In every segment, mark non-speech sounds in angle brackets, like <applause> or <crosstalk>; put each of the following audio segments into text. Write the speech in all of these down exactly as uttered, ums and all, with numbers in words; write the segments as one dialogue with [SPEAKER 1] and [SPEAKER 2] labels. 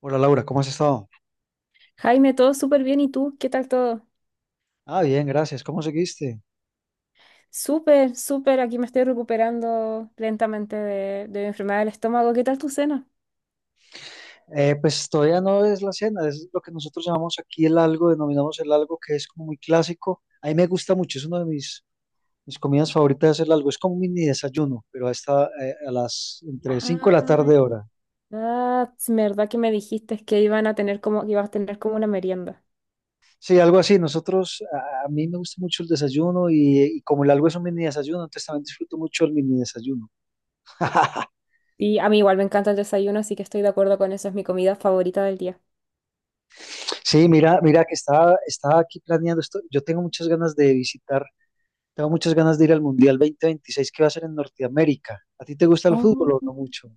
[SPEAKER 1] Hola Laura, ¿cómo has estado?
[SPEAKER 2] Jaime, todo súper bien. ¿Y tú? ¿Qué tal todo?
[SPEAKER 1] Ah, bien, gracias. ¿Cómo seguiste?
[SPEAKER 2] Súper, súper. Aquí me estoy recuperando lentamente de, de mi enfermedad del estómago. ¿Qué tal tu cena?
[SPEAKER 1] Eh, pues todavía no es la cena, es lo que nosotros llamamos aquí el algo, denominamos el algo que es como muy clásico. A mí me gusta mucho, es una de mis, mis comidas favoritas el algo. Es como un mini desayuno, pero está eh, a las entre cinco
[SPEAKER 2] Ah,
[SPEAKER 1] de la tarde hora.
[SPEAKER 2] ah, es verdad que me dijiste que iban a tener como, que ibas a tener como una merienda.
[SPEAKER 1] Sí, algo así. Nosotros, a, a mí me gusta mucho el desayuno y, y como el algo es un mini desayuno, entonces también disfruto mucho el mini desayuno. <laughs>
[SPEAKER 2] Y a mí igual me encanta el desayuno, así que estoy de acuerdo con eso. Es mi comida favorita del día.
[SPEAKER 1] Sí, mira, mira que estaba, estaba aquí planeando esto. Yo tengo muchas ganas de visitar. Tengo muchas ganas de ir al Mundial dos mil veintiséis que va a ser en Norteamérica. ¿A ti te gusta el
[SPEAKER 2] Oh.
[SPEAKER 1] fútbol o no mucho?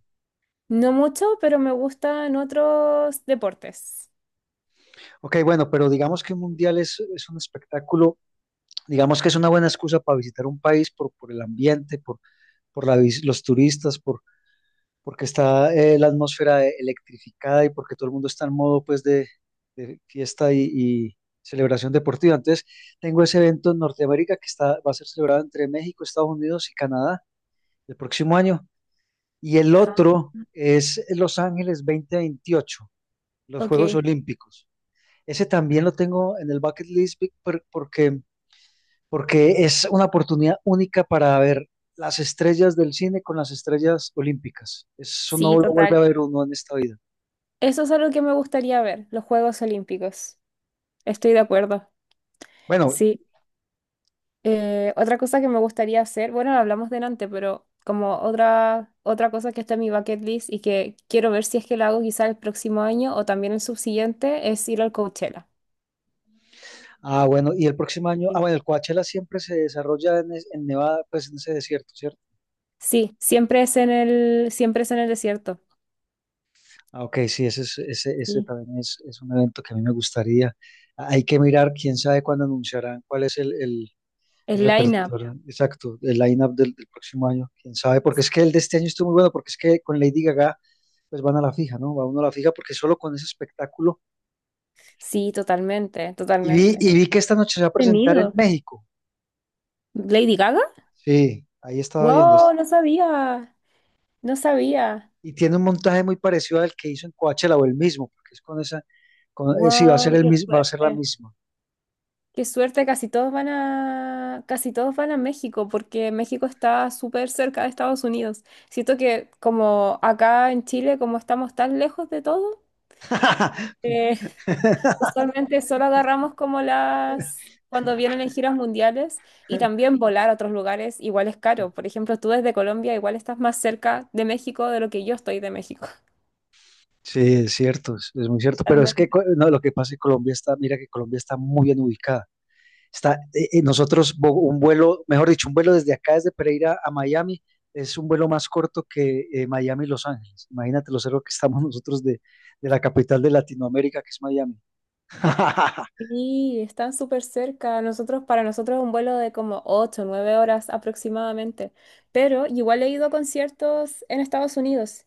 [SPEAKER 2] No mucho, pero me gustan otros deportes.
[SPEAKER 1] Ok, bueno, pero digamos que un Mundial es, es un espectáculo, digamos que es una buena excusa para visitar un país por, por el ambiente, por, por la vis- los turistas, por, porque está eh, la atmósfera eh, electrificada y porque todo el mundo está en modo pues de, de fiesta y, y celebración deportiva. Entonces, tengo ese evento en Norteamérica que está, va a ser celebrado entre México, Estados Unidos y Canadá el próximo año. y el
[SPEAKER 2] Ah.
[SPEAKER 1] otro es Los Ángeles dos mil veintiocho, los Juegos
[SPEAKER 2] Ok,
[SPEAKER 1] Olímpicos. Ese también lo tengo en el bucket list por- porque, porque es una oportunidad única para ver las estrellas del cine con las estrellas olímpicas. Eso
[SPEAKER 2] sí,
[SPEAKER 1] no lo vuelve
[SPEAKER 2] total.
[SPEAKER 1] a ver uno en esta vida.
[SPEAKER 2] Eso es algo que me gustaría ver, los Juegos Olímpicos. Estoy de acuerdo.
[SPEAKER 1] Bueno,
[SPEAKER 2] Sí. Eh, otra cosa que me gustaría hacer, bueno, lo hablamos delante, pero como otra, otra cosa que está en mi bucket list y que quiero ver si es que la hago quizá el próximo año o también el subsiguiente, es ir al Coachella.
[SPEAKER 1] ah, bueno, y el próximo año, ah,
[SPEAKER 2] Sí,
[SPEAKER 1] bueno, el Coachella siempre se desarrolla en, es- en Nevada, pues en ese desierto, ¿cierto?
[SPEAKER 2] sí, siempre es en el, siempre es en el desierto.
[SPEAKER 1] Ah, ok, sí, ese, es- ese, ese
[SPEAKER 2] Sí.
[SPEAKER 1] también es, es un evento que a mí me gustaría. Ah, Hay que mirar, quién sabe cuándo anunciarán cuál es el, el- El
[SPEAKER 2] El line-up.
[SPEAKER 1] repertorio, exacto, el line-up del, del próximo año, quién sabe, porque es que el de este año estuvo muy bueno, porque es que con Lady Gaga pues van a la fija, ¿no? Va uno a la fija porque solo con ese espectáculo.
[SPEAKER 2] Sí, totalmente,
[SPEAKER 1] Y vi,
[SPEAKER 2] totalmente.
[SPEAKER 1] y vi que esta noche se va a presentar en
[SPEAKER 2] Tenido.
[SPEAKER 1] México.
[SPEAKER 2] ¿Lady Gaga?
[SPEAKER 1] Sí, ahí estaba viendo. es-
[SPEAKER 2] Wow, no sabía, no sabía.
[SPEAKER 1] Y tiene un montaje muy parecido al que hizo en Coachella o el mismo, porque es con esa, con, eh, sí, va a ser
[SPEAKER 2] Wow,
[SPEAKER 1] el
[SPEAKER 2] qué
[SPEAKER 1] mismo, va a ser la
[SPEAKER 2] suerte.
[SPEAKER 1] misma.
[SPEAKER 2] Qué suerte, casi todos van a, casi todos van a México, porque México está súper cerca de Estados Unidos. Siento que como acá en Chile, como estamos tan lejos de todo,
[SPEAKER 1] <laughs>
[SPEAKER 2] eh, <laughs> usualmente solo agarramos como las, cuando vienen en giras mundiales y también volar a otros lugares igual es caro. Por ejemplo, tú desde Colombia igual estás más cerca de México de lo que yo estoy de México.
[SPEAKER 1] Sí, es cierto, es, es muy cierto, pero es
[SPEAKER 2] <laughs>
[SPEAKER 1] que co- no, lo que pasa es que Colombia está, mira que Colombia está muy bien ubicada. Está, eh, eh, nosotros, bo- un vuelo, mejor dicho, un vuelo desde acá, desde Pereira a Miami, es un vuelo más corto que eh, Miami-Los Ángeles. Imagínate lo cerca que estamos <laughs> nosotros de, de la capital de Latinoamérica, que es Miami. <laughs>
[SPEAKER 2] Sí, están súper cerca. Nosotros, para nosotros es un vuelo de como ocho, nueve horas aproximadamente. Pero igual he ido a conciertos en Estados Unidos,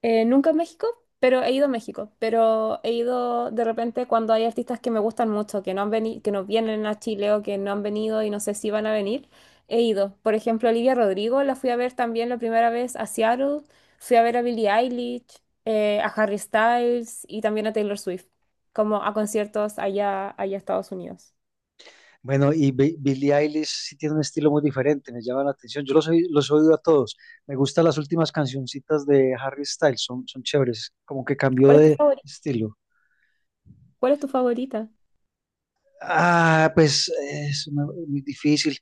[SPEAKER 2] eh, nunca a México, pero he ido a México. Pero he ido de repente cuando hay artistas que me gustan mucho, que no han venido, que no vienen a Chile o que no han venido y no sé si van a venir, he ido. Por ejemplo, Olivia Rodrigo la fui a ver también la primera vez a Seattle. Fui a ver a Billie Eilish, eh, a Harry Styles y también a Taylor Swift, como a conciertos allá, allá a Estados Unidos.
[SPEAKER 1] Bueno, y Bi- Billie Eilish sí tiene un estilo muy diferente, me llama la atención. Yo los, oí- los he oído a todos. Me gustan las últimas cancioncitas de Harry Styles, son, son chéveres, como que cambió
[SPEAKER 2] ¿Cuál es tu
[SPEAKER 1] de
[SPEAKER 2] favori-
[SPEAKER 1] estilo.
[SPEAKER 2] ¿Cuál es tu favorita?
[SPEAKER 1] Ah, pues eh, es una- muy difícil.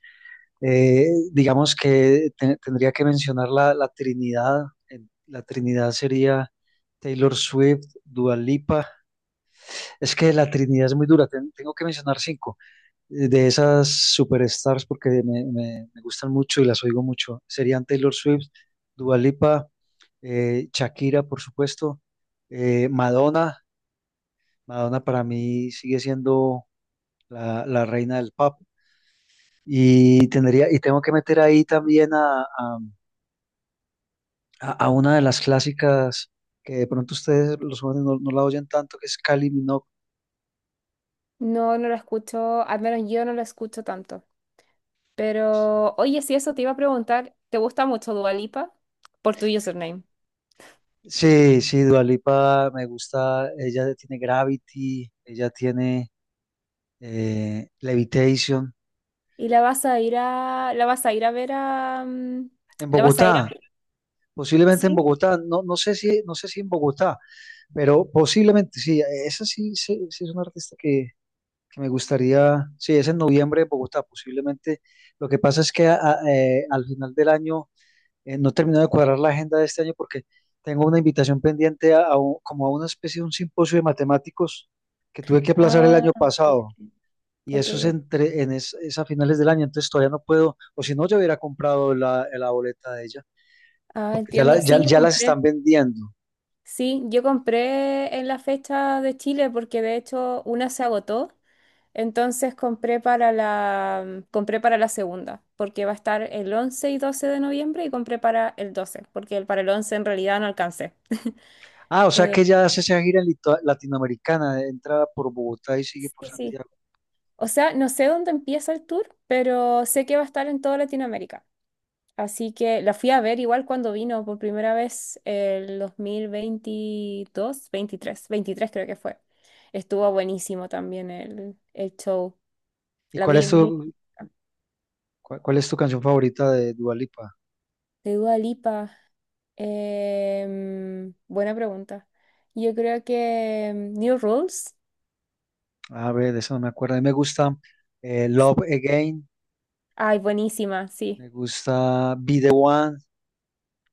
[SPEAKER 1] Eh, digamos que te- tendría que mencionar la, la Trinidad. En- La Trinidad sería Taylor Swift, Dua Lipa. Es que la Trinidad es muy dura. ten- tengo que mencionar cinco eh, de esas superstars porque me, me- me gustan mucho y las oigo mucho. Serían Taylor Swift, Dua Lipa, eh, Shakira, por supuesto, eh, Madonna. Madonna para mí sigue siendo la, la reina del pop. Y tendría, y tengo que meter ahí también a a, a una de las clásicas que de pronto ustedes, los jóvenes, no, no la oyen tanto, que es Kylie Minogue.
[SPEAKER 2] No, no la escucho, al menos yo no la escucho tanto. Pero, oye, si eso te iba a preguntar, ¿te gusta mucho Dua Lipa? Por tu username.
[SPEAKER 1] Sí, sí, Dua Lipa me gusta, ella tiene Gravity, ella tiene eh, Levitation.
[SPEAKER 2] ¿Y la vas a ir a, la vas a ir a ver a, mm,
[SPEAKER 1] En
[SPEAKER 2] la vas a ir a
[SPEAKER 1] Bogotá,
[SPEAKER 2] ver?
[SPEAKER 1] posiblemente en
[SPEAKER 2] Sí.
[SPEAKER 1] Bogotá, no, no sé si, no sé si en Bogotá, pero posiblemente sí, esa sí, sí, sí es una artista que, que me gustaría, sí, es en noviembre en Bogotá, posiblemente. Lo que pasa es que a- a- eh, al final del año eh, no termino de cuadrar la agenda de este año porque tengo una invitación pendiente a, a un- como a una especie de un simposio de matemáticos que tuve que aplazar el
[SPEAKER 2] Ah,
[SPEAKER 1] año
[SPEAKER 2] ok,
[SPEAKER 1] pasado y
[SPEAKER 2] ok.
[SPEAKER 1] eso es
[SPEAKER 2] Ok.
[SPEAKER 1] entre en es, es a finales del año, entonces todavía no puedo, o si no yo hubiera comprado la, la boleta de ella,
[SPEAKER 2] Ah,
[SPEAKER 1] porque ya,
[SPEAKER 2] entiendo.
[SPEAKER 1] la- ya,
[SPEAKER 2] Sí, yo
[SPEAKER 1] ya las
[SPEAKER 2] compré.
[SPEAKER 1] están vendiendo.
[SPEAKER 2] Sí, yo compré en la fecha de Chile porque de hecho una se agotó. Entonces compré para la, mm, compré para la segunda, porque va a estar el once y doce de noviembre y compré para el doce porque el- para el once en realidad no alcancé.
[SPEAKER 1] Ah, o sea
[SPEAKER 2] Eh,
[SPEAKER 1] que ya hace esa gira lito- latinoamericana, entra por Bogotá y sigue por
[SPEAKER 2] sí, sí.
[SPEAKER 1] Santiago.
[SPEAKER 2] O sea, no sé dónde empieza el tour, pero sé que va a estar en toda Latinoamérica. Así que la fui a ver igual cuando vino por primera vez el dos mil veintidós, veintitrés, veintitrés creo que fue. Estuvo buenísimo también el, el show.
[SPEAKER 1] ¿Y
[SPEAKER 2] La
[SPEAKER 1] cuál
[SPEAKER 2] vi
[SPEAKER 1] es
[SPEAKER 2] muy.
[SPEAKER 1] tu, cuál, cuál es tu canción favorita de Dua Lipa?
[SPEAKER 2] De Dua Lipa. em, buena pregunta. Yo creo que em, New Rules.
[SPEAKER 1] A ver, de eso no me acuerdo. A mí me gusta eh, Love Again.
[SPEAKER 2] Ay, buenísima, sí.
[SPEAKER 1] Me gusta Be The One.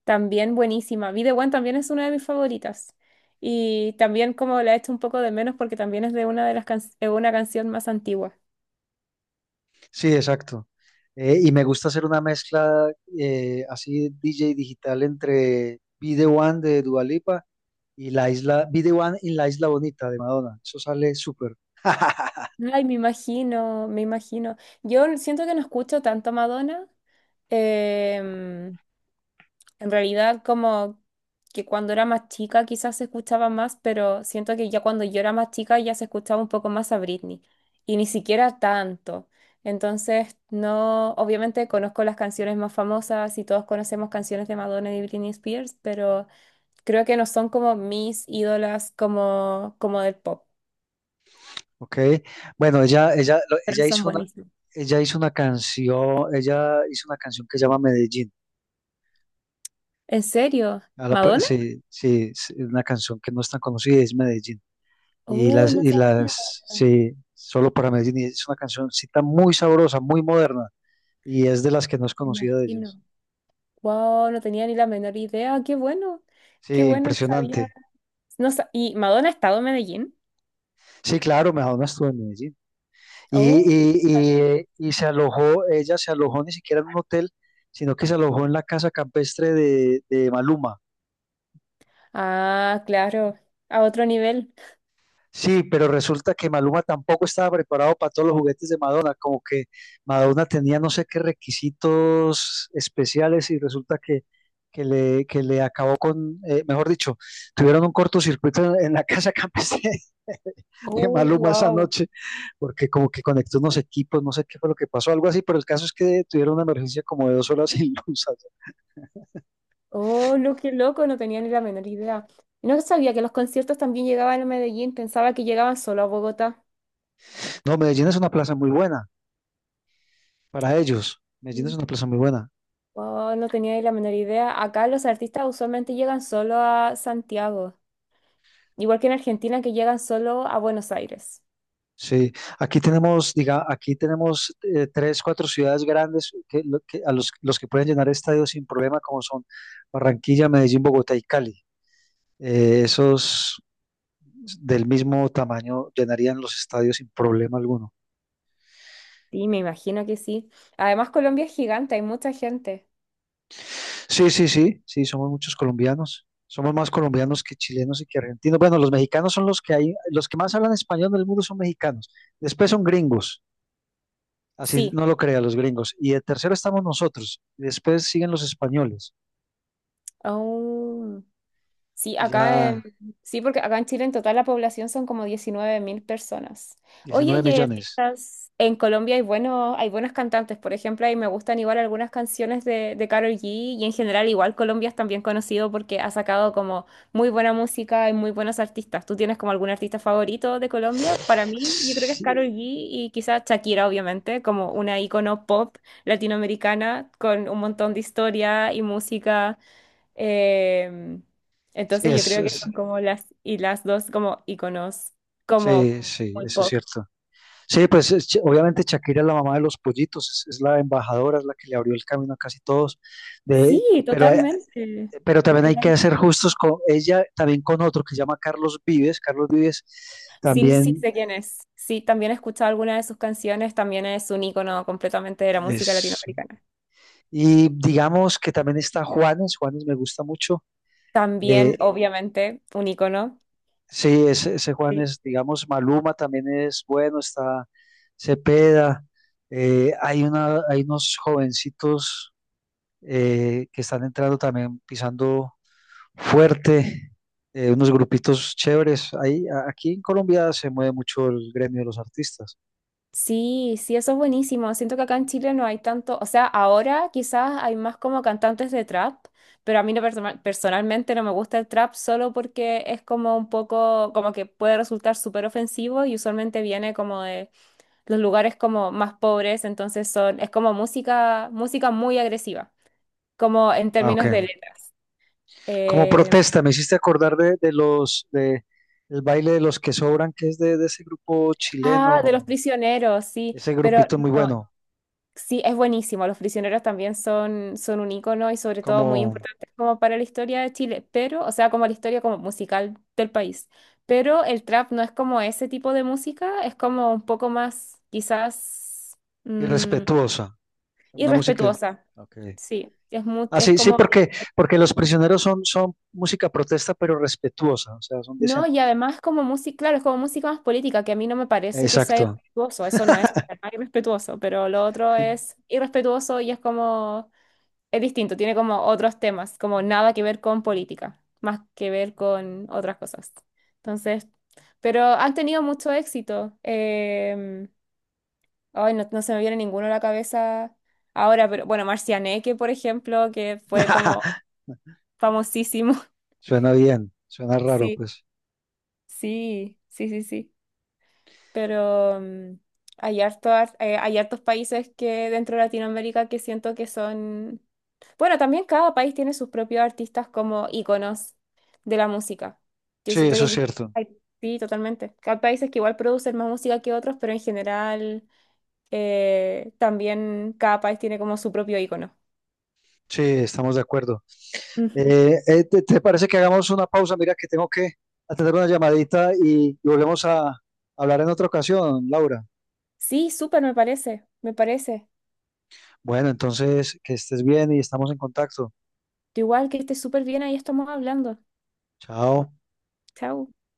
[SPEAKER 2] También buenísima. Be the One también es una de mis favoritas. Y también como la he hecho un poco de menos porque también es de una de las can- eh, una canción más antigua.
[SPEAKER 1] Sí, exacto. Eh, y me gusta hacer una mezcla eh, así D J digital entre Be The One de Dua Lipa y la isla, Be The One y la isla bonita de Madonna. Eso sale súper. <laughs>
[SPEAKER 2] Ay, me imagino, me imagino. Yo siento que no escucho tanto Madonna. em, En realidad, como que cuando era más chica quizás se escuchaba más, pero siento que ya cuando yo era más chica ya se escuchaba un poco más a Britney. Y ni siquiera tanto. Entonces, no, obviamente conozco las canciones más famosas y todos conocemos canciones de Madonna y Britney Spears, pero creo que no son como mis ídolas como, como del pop,
[SPEAKER 1] Ok. Bueno, ella, ella, lo-
[SPEAKER 2] pero
[SPEAKER 1] ella
[SPEAKER 2] son
[SPEAKER 1] hizo una,
[SPEAKER 2] buenísimas.
[SPEAKER 1] ella hizo una canción, ella hizo una canción que se llama Medellín.
[SPEAKER 2] ¿En serio?
[SPEAKER 1] A la par-
[SPEAKER 2] ¿Madonna?
[SPEAKER 1] sí, sí, es una canción que no es tan conocida, es Medellín. Y
[SPEAKER 2] Uy,
[SPEAKER 1] las,
[SPEAKER 2] no
[SPEAKER 1] y
[SPEAKER 2] sabía.
[SPEAKER 1] las, sí, solo para Medellín. Y es una cancioncita muy sabrosa, muy moderna. Y es de las que no es conocida de ellos.
[SPEAKER 2] Imagino. Wow, no tenía ni la menor idea. Qué bueno, qué
[SPEAKER 1] Sí,
[SPEAKER 2] bueno, no sabía.
[SPEAKER 1] impresionante.
[SPEAKER 2] No sa- ¿Y Madonna ha estado en Medellín?
[SPEAKER 1] Sí, claro, Madonna estuvo en Medellín. Y,
[SPEAKER 2] Oh,
[SPEAKER 1] y, y, y se alojó, ella se alojó ni siquiera en un hotel, sino que se alojó en la casa campestre de, de Maluma.
[SPEAKER 2] ah, claro, a otro nivel.
[SPEAKER 1] Sí, pero resulta que Maluma tampoco estaba preparado para todos los juguetes de Madonna, como que Madonna tenía no sé qué requisitos especiales y resulta que, que le, que le acabó con, eh, mejor dicho, tuvieron un cortocircuito en, en la casa campestre <laughs> de
[SPEAKER 2] Oh,
[SPEAKER 1] Maluma esa
[SPEAKER 2] wow.
[SPEAKER 1] noche, porque como que conectó unos equipos, no sé qué fue lo que pasó, algo así, pero el caso es que tuvieron una emergencia como de dos horas <laughs> sin luz.
[SPEAKER 2] Oh, lo que loco, no tenía ni la menor idea. No sabía que los conciertos también llegaban a Medellín, pensaba que llegaban solo a Bogotá.
[SPEAKER 1] No, Medellín es una plaza muy buena para ellos, Medellín es
[SPEAKER 2] Mm.
[SPEAKER 1] una plaza muy buena.
[SPEAKER 2] Wow, no tenía ni la menor idea. Acá los artistas usualmente llegan solo a Santiago, igual que en Argentina que llegan solo a Buenos Aires.
[SPEAKER 1] Sí, aquí tenemos, diga, aquí tenemos eh, tres, cuatro ciudades grandes que, lo- que- a los, los que pueden llenar estadios sin problema, como son Barranquilla, Medellín, Bogotá y Cali. Eh, esos del mismo tamaño llenarían los estadios sin problema alguno.
[SPEAKER 2] Sí, me imagino que sí. Además, Colombia es gigante, hay mucha gente.
[SPEAKER 1] Sí, sí, sí, sí, somos muchos colombianos. Somos más colombianos que chilenos y que argentinos. Bueno, los mexicanos son los que hay, los que más hablan español del mundo son mexicanos. Después son gringos, así
[SPEAKER 2] Sí,
[SPEAKER 1] no lo crean los gringos. Y de tercero estamos nosotros. Y después siguen los españoles.
[SPEAKER 2] aún- sí,
[SPEAKER 1] y
[SPEAKER 2] acá en,
[SPEAKER 1] ya
[SPEAKER 2] sí, porque acá en Chile en total la población son como diecinueve mil personas. Oye,
[SPEAKER 1] diecinueve
[SPEAKER 2] y hay
[SPEAKER 1] millones.
[SPEAKER 2] artistas en Colombia hay buenos, hay buenos, cantantes, por ejemplo, y me gustan igual algunas canciones de, de Karol G y en general igual Colombia es también conocido porque ha sacado como muy buena música y muy buenos artistas. ¿Tú tienes como algún artista favorito de Colombia? Para mí, yo creo que es
[SPEAKER 1] Sí,
[SPEAKER 2] Karol G y quizás Shakira, obviamente, como una icono pop latinoamericana con un montón de historia y música. Em,
[SPEAKER 1] sí,
[SPEAKER 2] entonces yo
[SPEAKER 1] es,
[SPEAKER 2] creo que
[SPEAKER 1] es-
[SPEAKER 2] son como las y las dos como iconos, como
[SPEAKER 1] sí, sí,
[SPEAKER 2] muy
[SPEAKER 1] eso es
[SPEAKER 2] pop.
[SPEAKER 1] cierto. Sí, pues es- obviamente Shakira es la mamá de los pollitos, es, es la embajadora, es la que le abrió el camino a casi todos. De,
[SPEAKER 2] Sí,
[SPEAKER 1] pero, hay-
[SPEAKER 2] totalmente.
[SPEAKER 1] pero también hay
[SPEAKER 2] Total-
[SPEAKER 1] que ser justos con ella, también con otro que se llama Carlos Vives. Carlos Vives
[SPEAKER 2] Sí, sí
[SPEAKER 1] también
[SPEAKER 2] sé quién es. Sí, también he escuchado algunas de sus canciones, también es un icono completamente de la música
[SPEAKER 1] es...
[SPEAKER 2] latinoamericana.
[SPEAKER 1] Y digamos que también está Juanes, Juanes me gusta mucho. Eh,
[SPEAKER 2] También, obviamente, un icono.
[SPEAKER 1] Sí, ese, ese Juan
[SPEAKER 2] Sí.
[SPEAKER 1] es, digamos, Maluma también es bueno, está Cepeda, eh, hay una, hay unos jovencitos eh, que están entrando también pisando fuerte, eh, unos grupitos chéveres. Ahí, a- aquí en Colombia se mueve mucho el gremio de los artistas.
[SPEAKER 2] Sí, sí, eso es buenísimo. Siento que acá en Chile no hay tanto, o sea, ahora quizás hay más como cantantes de trap, pero a mí no persona- personalmente no me gusta el trap solo porque es como un poco, como que puede resultar súper ofensivo y usualmente viene como de los lugares como más pobres, entonces son, es como música, música, muy agresiva, como en
[SPEAKER 1] Ah, ok.
[SPEAKER 2] términos de letras.
[SPEAKER 1] Como
[SPEAKER 2] Eh,
[SPEAKER 1] protesta, me hiciste acordar de, de los, de el baile de los que sobran, que es de, de ese grupo
[SPEAKER 2] ah, de los
[SPEAKER 1] chileno,
[SPEAKER 2] prisioneros, sí,
[SPEAKER 1] ese
[SPEAKER 2] pero
[SPEAKER 1] grupito muy
[SPEAKER 2] no,
[SPEAKER 1] bueno,
[SPEAKER 2] sí, es buenísimo. Los prisioneros también son, son un ícono y sobre todo muy
[SPEAKER 1] como
[SPEAKER 2] importantes como para la historia de Chile, pero, o sea, como la historia como musical del país. Pero el trap no es como ese tipo de música, es como un poco más quizás mm,
[SPEAKER 1] irrespetuosa. Una música.
[SPEAKER 2] irrespetuosa.
[SPEAKER 1] Okay.
[SPEAKER 2] Sí, es, mu-
[SPEAKER 1] Ah,
[SPEAKER 2] es
[SPEAKER 1] sí, sí,
[SPEAKER 2] como,
[SPEAKER 1] porque, porque los prisioneros son, son música protesta, pero respetuosa, o sea, son
[SPEAKER 2] no, y
[SPEAKER 1] decentes.
[SPEAKER 2] además como música, claro, es como música más política, que a mí no me parece que sea
[SPEAKER 1] Exacto.
[SPEAKER 2] irrespetuoso, eso no es para nada irrespetuoso, pero lo otro es irrespetuoso y es como. Es distinto, tiene como otros temas, como nada que ver con política, más que ver con otras cosas. Entonces, pero han tenido mucho éxito. em, ay, no, no se me viene ninguno a la cabeza ahora, pero bueno, Marcianeque, por ejemplo, que fue como
[SPEAKER 1] <laughs>
[SPEAKER 2] famosísimo. <laughs>
[SPEAKER 1] Suena bien, suena raro,
[SPEAKER 2] Sí,
[SPEAKER 1] pues.
[SPEAKER 2] sí, sí, sí, sí. Pero mm, hay hartos, hay hartos países que dentro de Latinoamérica que siento que son. Bueno, también cada país tiene sus propios artistas como íconos de la música. Yo
[SPEAKER 1] Sí,
[SPEAKER 2] siento
[SPEAKER 1] eso
[SPEAKER 2] que
[SPEAKER 1] es
[SPEAKER 2] aquí
[SPEAKER 1] cierto.
[SPEAKER 2] hay- sí, totalmente. Hay países que igual producen más música que otros, pero en general eh, también cada país tiene como su propio ícono.
[SPEAKER 1] Sí, estamos de acuerdo.
[SPEAKER 2] Ujú.
[SPEAKER 1] Eh, eh, ¿te, te parece que hagamos una pausa? Mira que tengo que atender una llamadita y, y volvemos a hablar en otra ocasión, Laura.
[SPEAKER 2] Sí, súper, me parece, me parece.
[SPEAKER 1] Bueno, entonces, que estés bien y estamos en contacto.
[SPEAKER 2] Igual que esté súper bien, ahí estamos hablando.
[SPEAKER 1] Chao.
[SPEAKER 2] Chao.